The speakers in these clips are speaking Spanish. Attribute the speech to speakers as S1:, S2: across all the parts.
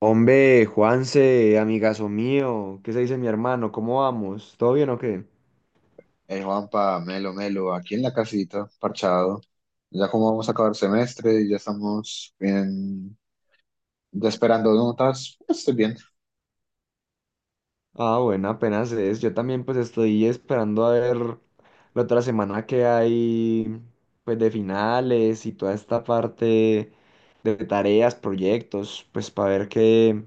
S1: Hombre, Juanse, amigazo mío, ¿qué se dice mi hermano? ¿Cómo vamos? ¿Todo bien o qué?
S2: Hey Juanpa, Melo, Melo, aquí en la casita, parchado. Ya como vamos a acabar el semestre y ya estamos bien, ya esperando notas, pues estoy bien.
S1: Ah, bueno, apenas es. Yo también pues estoy esperando a ver la otra semana que hay pues de finales y toda esta parte de tareas, proyectos, pues para ver qué,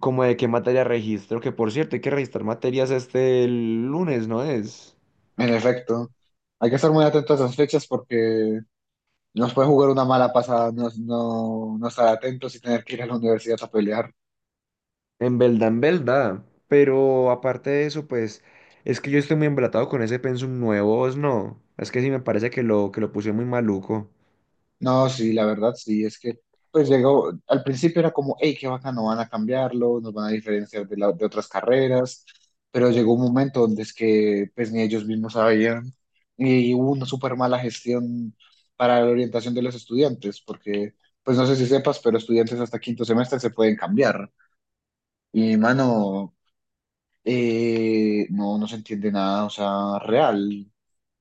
S1: como de qué materia registro, que por cierto hay que registrar materias este lunes, ¿no es?
S2: En efecto, hay que estar muy atentos a las fechas porque nos puede jugar una mala pasada, no, no estar atentos y tener que ir a la universidad a pelear.
S1: En verdad, en verdad. Pero aparte de eso, pues es que yo estoy muy embalatado con ese pensum nuevo, es no. Es que sí me parece que que lo puse muy maluco.
S2: No, sí, la verdad sí, es que pues llegó, al principio era como, hey, qué bacano, no van a cambiarlo, nos van a diferenciar de, de otras carreras, pero llegó un momento donde es que pues ni ellos mismos sabían y hubo una súper mala gestión para la orientación de los estudiantes, porque pues no sé si sepas, pero estudiantes hasta quinto semestre se pueden cambiar y mano, no, no se entiende nada, o sea, real,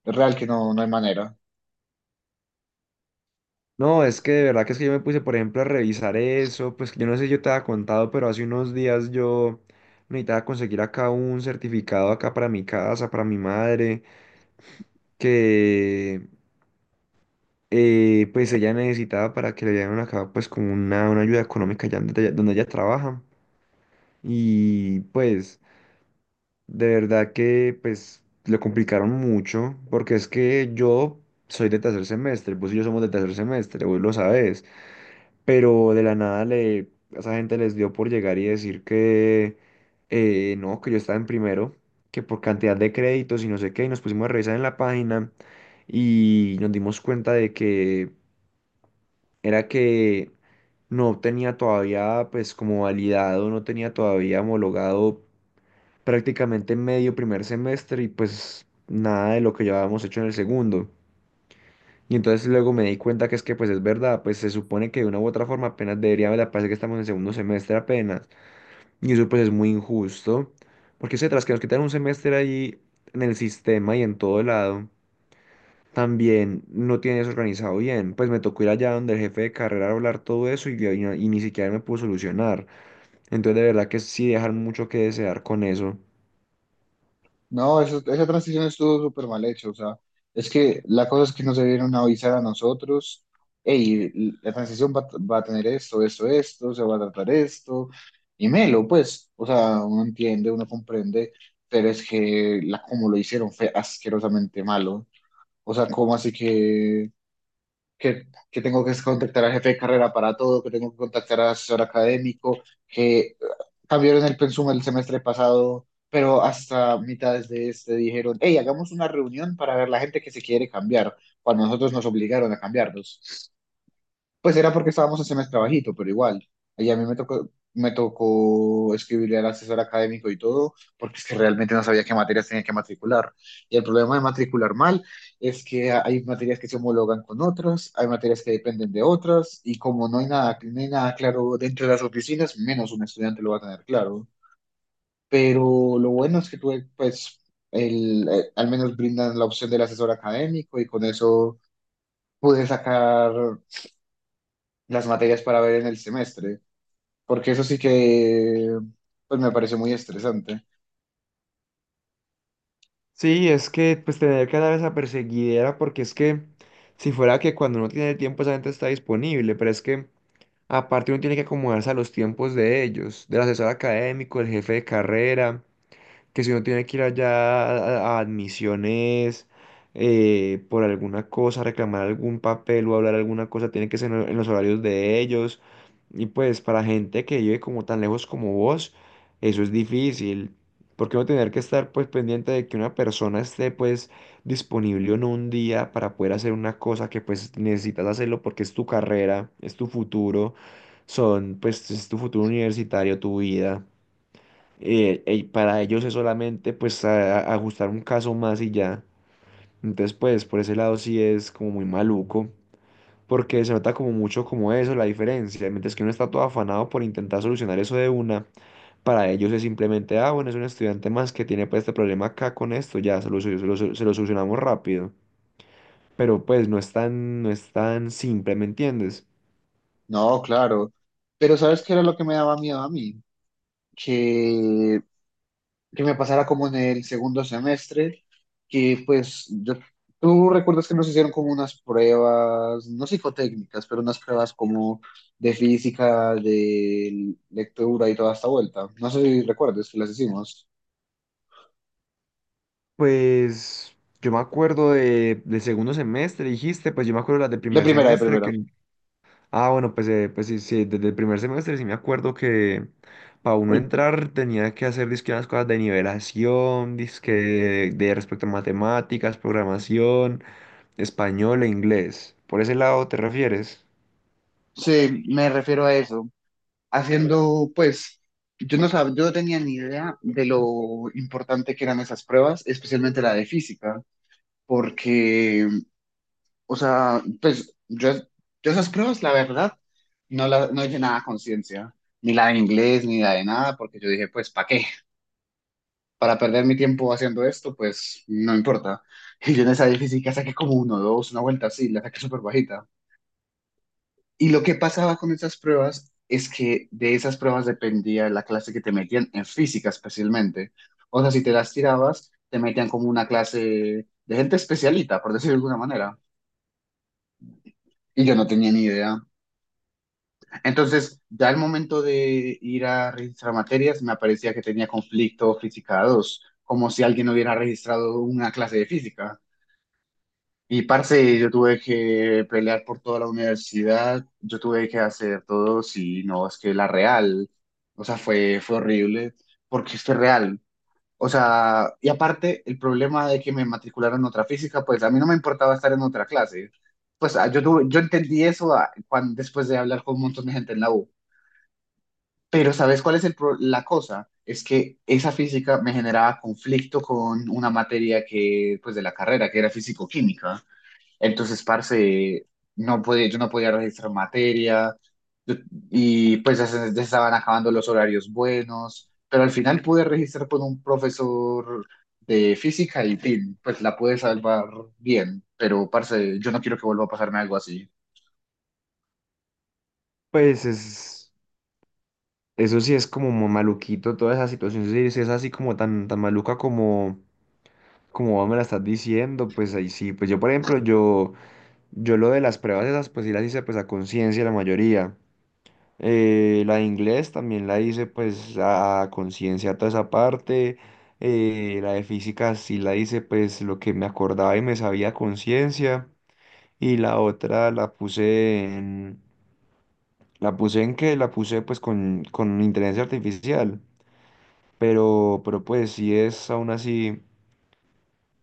S2: real que no, no hay manera.
S1: No, es que de verdad que es que yo me puse, por ejemplo, a revisar eso. Pues yo no sé si yo te había contado, pero hace unos días yo necesitaba conseguir acá un certificado acá para mi casa, para mi madre, que pues ella necesitaba para que le dieran acá pues como una ayuda económica allá donde ella trabaja. Y pues... De verdad que pues lo complicaron mucho, porque es que yo soy de tercer semestre, vos y yo somos de tercer semestre, vos lo sabes, pero de la nada le, a esa gente les dio por llegar y decir que no, que yo estaba en primero, que por cantidad de créditos y no sé qué, y nos pusimos a revisar en la página y nos dimos cuenta de que era que no tenía todavía pues como validado, no tenía todavía homologado prácticamente medio primer semestre y pues nada de lo que ya habíamos hecho en el segundo. Y entonces luego me di cuenta que es que pues es verdad, pues se supone que de una u otra forma apenas debería me la parece que estamos en segundo semestre apenas. Y eso pues es muy injusto, porque se tras que nos quitan un semestre ahí en el sistema y en todo lado, también no tienes organizado bien. Pues me tocó ir allá donde el jefe de carrera a hablar todo eso y ni siquiera me pudo solucionar. Entonces de verdad que sí dejar mucho que desear con eso.
S2: No, esa transición estuvo súper mal hecho. O sea, es que la cosa es que nos debieron avisar a nosotros, hey, la transición va a tener esto, esto, esto, se va a tratar esto. Y melo, pues, o sea, uno entiende, uno comprende, pero es que como lo hicieron fue asquerosamente malo. O sea, ¿cómo así que, que tengo que contactar al jefe de carrera para todo, que tengo que contactar al asesor académico, que cambiaron el pensum el semestre pasado, pero hasta mitades de este dijeron, hey, hagamos una reunión para ver la gente que se quiere cambiar, cuando nosotros nos obligaron a cambiarnos? Pues era porque estábamos en semestre bajito, pero igual. Y a mí me tocó escribirle al asesor académico y todo, porque es que realmente no sabía qué materias tenía que matricular. Y el problema de matricular mal es que hay materias que se homologan con otras, hay materias que dependen de otras, y como no hay nada, no hay nada claro dentro de las oficinas, menos un estudiante lo va a tener claro. Pero lo bueno es que tuve, pues, al menos brindan la opción del asesor académico y con eso pude sacar las materias para ver en el semestre, porque eso sí que pues me pareció muy estresante.
S1: Sí, es que pues tener que dar esa perseguidera porque es que si fuera que cuando uno tiene el tiempo esa gente está disponible, pero es que aparte uno tiene que acomodarse a los tiempos de ellos, del asesor académico, el jefe de carrera que si uno tiene que ir allá a admisiones por alguna cosa, reclamar algún papel o hablar alguna cosa, tiene que ser en los horarios de ellos. Y pues para gente que vive como tan lejos como vos, eso es difícil. Porque uno tener que estar pues pendiente de que una persona esté pues disponible en un día para poder hacer una cosa que pues necesitas hacerlo porque es tu carrera, es tu futuro, son pues es tu futuro universitario, tu vida y para ellos es solamente pues ajustar un caso más y ya. Entonces pues por ese lado sí es como muy maluco, porque se nota como mucho como eso, la diferencia. Mientras que uno está todo afanado por intentar solucionar eso de una, para ellos es simplemente, ah, bueno, es un estudiante más que tiene pues este problema acá con esto, ya se lo, se lo solucionamos rápido. Pero pues no es tan, no es tan simple, ¿me entiendes?
S2: No, claro. Pero ¿sabes qué era lo que me daba miedo a mí? Que, que me pasara como en el segundo semestre, que pues yo, tú recuerdas que nos hicieron como unas pruebas, no psicotécnicas, pero unas pruebas como de física, de lectura y toda esta vuelta. No sé si recuerdas que las hicimos.
S1: Pues yo me acuerdo de segundo semestre, dijiste, pues yo me acuerdo las del
S2: De
S1: primer
S2: primera, de
S1: semestre
S2: primera.
S1: que Ah, bueno, pues, pues sí, sí, desde el primer semestre sí me acuerdo que para uno entrar tenía que hacer dizque unas cosas de nivelación, disque de respecto a matemáticas, programación, español e inglés. ¿Por ese lado te refieres?
S2: Sí, me refiero a eso. Haciendo, pues, yo no tenía ni idea de lo importante que eran esas pruebas, especialmente la de física, porque, o sea, pues, yo esas pruebas, la verdad, no, la, no hice nada a conciencia, ni la de inglés, ni la de nada, porque yo dije, pues, ¿para qué? Para perder mi tiempo haciendo esto, pues, no importa. Y yo en esa de física saqué como uno, dos, una vuelta así, la saqué súper bajita. Y lo que pasaba con esas pruebas es que de esas pruebas dependía la clase que te metían en física especialmente. O sea, si te las tirabas, te metían como una clase de gente especialita, por decirlo de alguna manera. Y yo no tenía ni idea. Entonces, ya al momento de ir a registrar materias, me aparecía que tenía conflicto física 2, como si alguien hubiera registrado una clase de física. Y parce, yo tuve que pelear por toda la universidad, yo tuve que hacer todo, sí, no, es que la real, o sea, fue horrible, porque es que es real, o sea, y aparte el problema de que me matricularon en otra física, pues a mí no me importaba estar en otra clase, pues ah, yo tuve, yo entendí eso ah, después de hablar con un montón de gente en la U, pero ¿sabes cuál es la cosa? Es que esa física me generaba conflicto con una materia que, pues de la carrera, que era físico-química. Entonces, parce, no podía, yo no podía registrar materia yo- y pues ya se estaban acabando los horarios buenos, pero al final pude registrar con un profesor de física y tin, pues la pude salvar bien, pero parce, yo no quiero que vuelva a pasarme algo así.
S1: Pues es, eso sí es como maluquito, toda esa situación, sí, sí es así como tan, tan maluca como, como vos me la estás diciendo, pues ahí sí, pues yo por ejemplo, yo lo de las pruebas esas, pues sí las hice pues a conciencia la mayoría. La de inglés también la hice pues a conciencia toda esa parte. La de física sí la hice pues lo que me acordaba y me sabía a conciencia. Y la otra la puse en... ¿La puse en qué? La puse pues con inteligencia artificial. Pero pues sí es aún así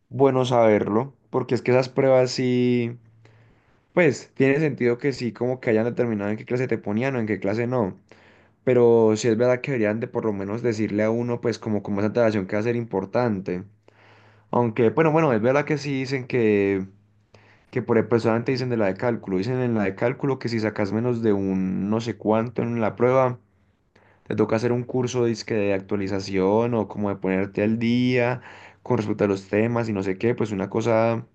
S1: bueno saberlo. Porque es que esas pruebas sí... Pues tiene sentido que sí como que hayan determinado en qué clase te ponían o en qué clase no. Pero sí es verdad que deberían de por lo menos decirle a uno, pues, como, como esa antelación que va a ser importante. Aunque, bueno, bueno, es verdad que sí dicen que por ejemplo, solamente dicen de la de cálculo. Dicen en la de cálculo que si sacas menos de un no sé cuánto en la prueba, te toca hacer un curso dizque de actualización o como de ponerte al día con respecto a los temas y no sé qué, pues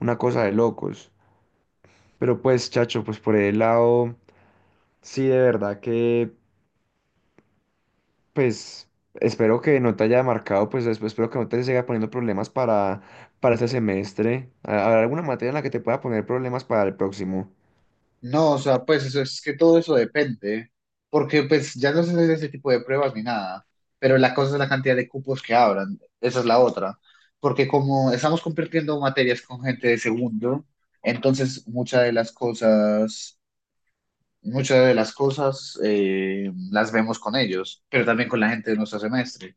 S1: una cosa de locos. Pero pues, chacho, pues por el lado, sí, de verdad que. Pues espero que no te haya marcado, pues espero que no te siga poniendo problemas para este semestre. ¿Habrá alguna materia en la que te pueda poner problemas para el próximo?
S2: No, o sea, pues eso es que todo eso depende, porque pues ya no se hacen ese tipo de pruebas ni nada, pero la cosa es la cantidad de cupos que abran, esa es la otra, porque como estamos compartiendo materias con gente de segundo, entonces muchas de las cosas, muchas de las cosas las vemos con ellos, pero también con la gente de nuestro semestre.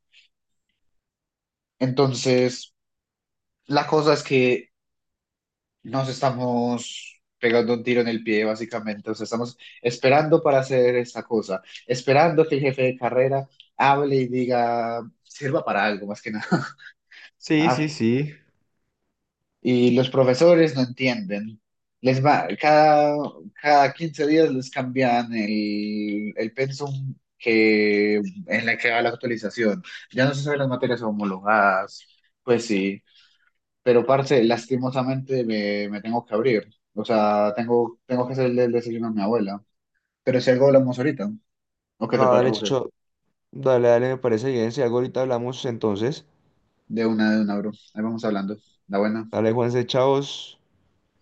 S2: Entonces, la cosa es que nos estamos pegando un tiro en el pie, básicamente. O sea, estamos esperando para hacer esta cosa, esperando que el jefe de carrera hable y diga, sirva para algo, más que nada.
S1: Sí, sí,
S2: Ay,
S1: sí.
S2: y los profesores no entienden. Les va, cada, cada 15 días les cambian el pensum que, en la que va la actualización. Ya no se saben las materias homologadas. Pues sí. Pero, parce, lastimosamente me, me tengo que abrir. O sea, tengo, tengo que hacerle el desayuno a mi abuela. Pero si algo hablamos ahorita. ¿O
S1: No,
S2: qué te
S1: dale,
S2: parece?
S1: Chicho, dale, dale, me parece bien. Si algo ahorita hablamos entonces.
S2: De una, bro. Ahí vamos hablando. La buena.
S1: Dale, Juanse, chavos.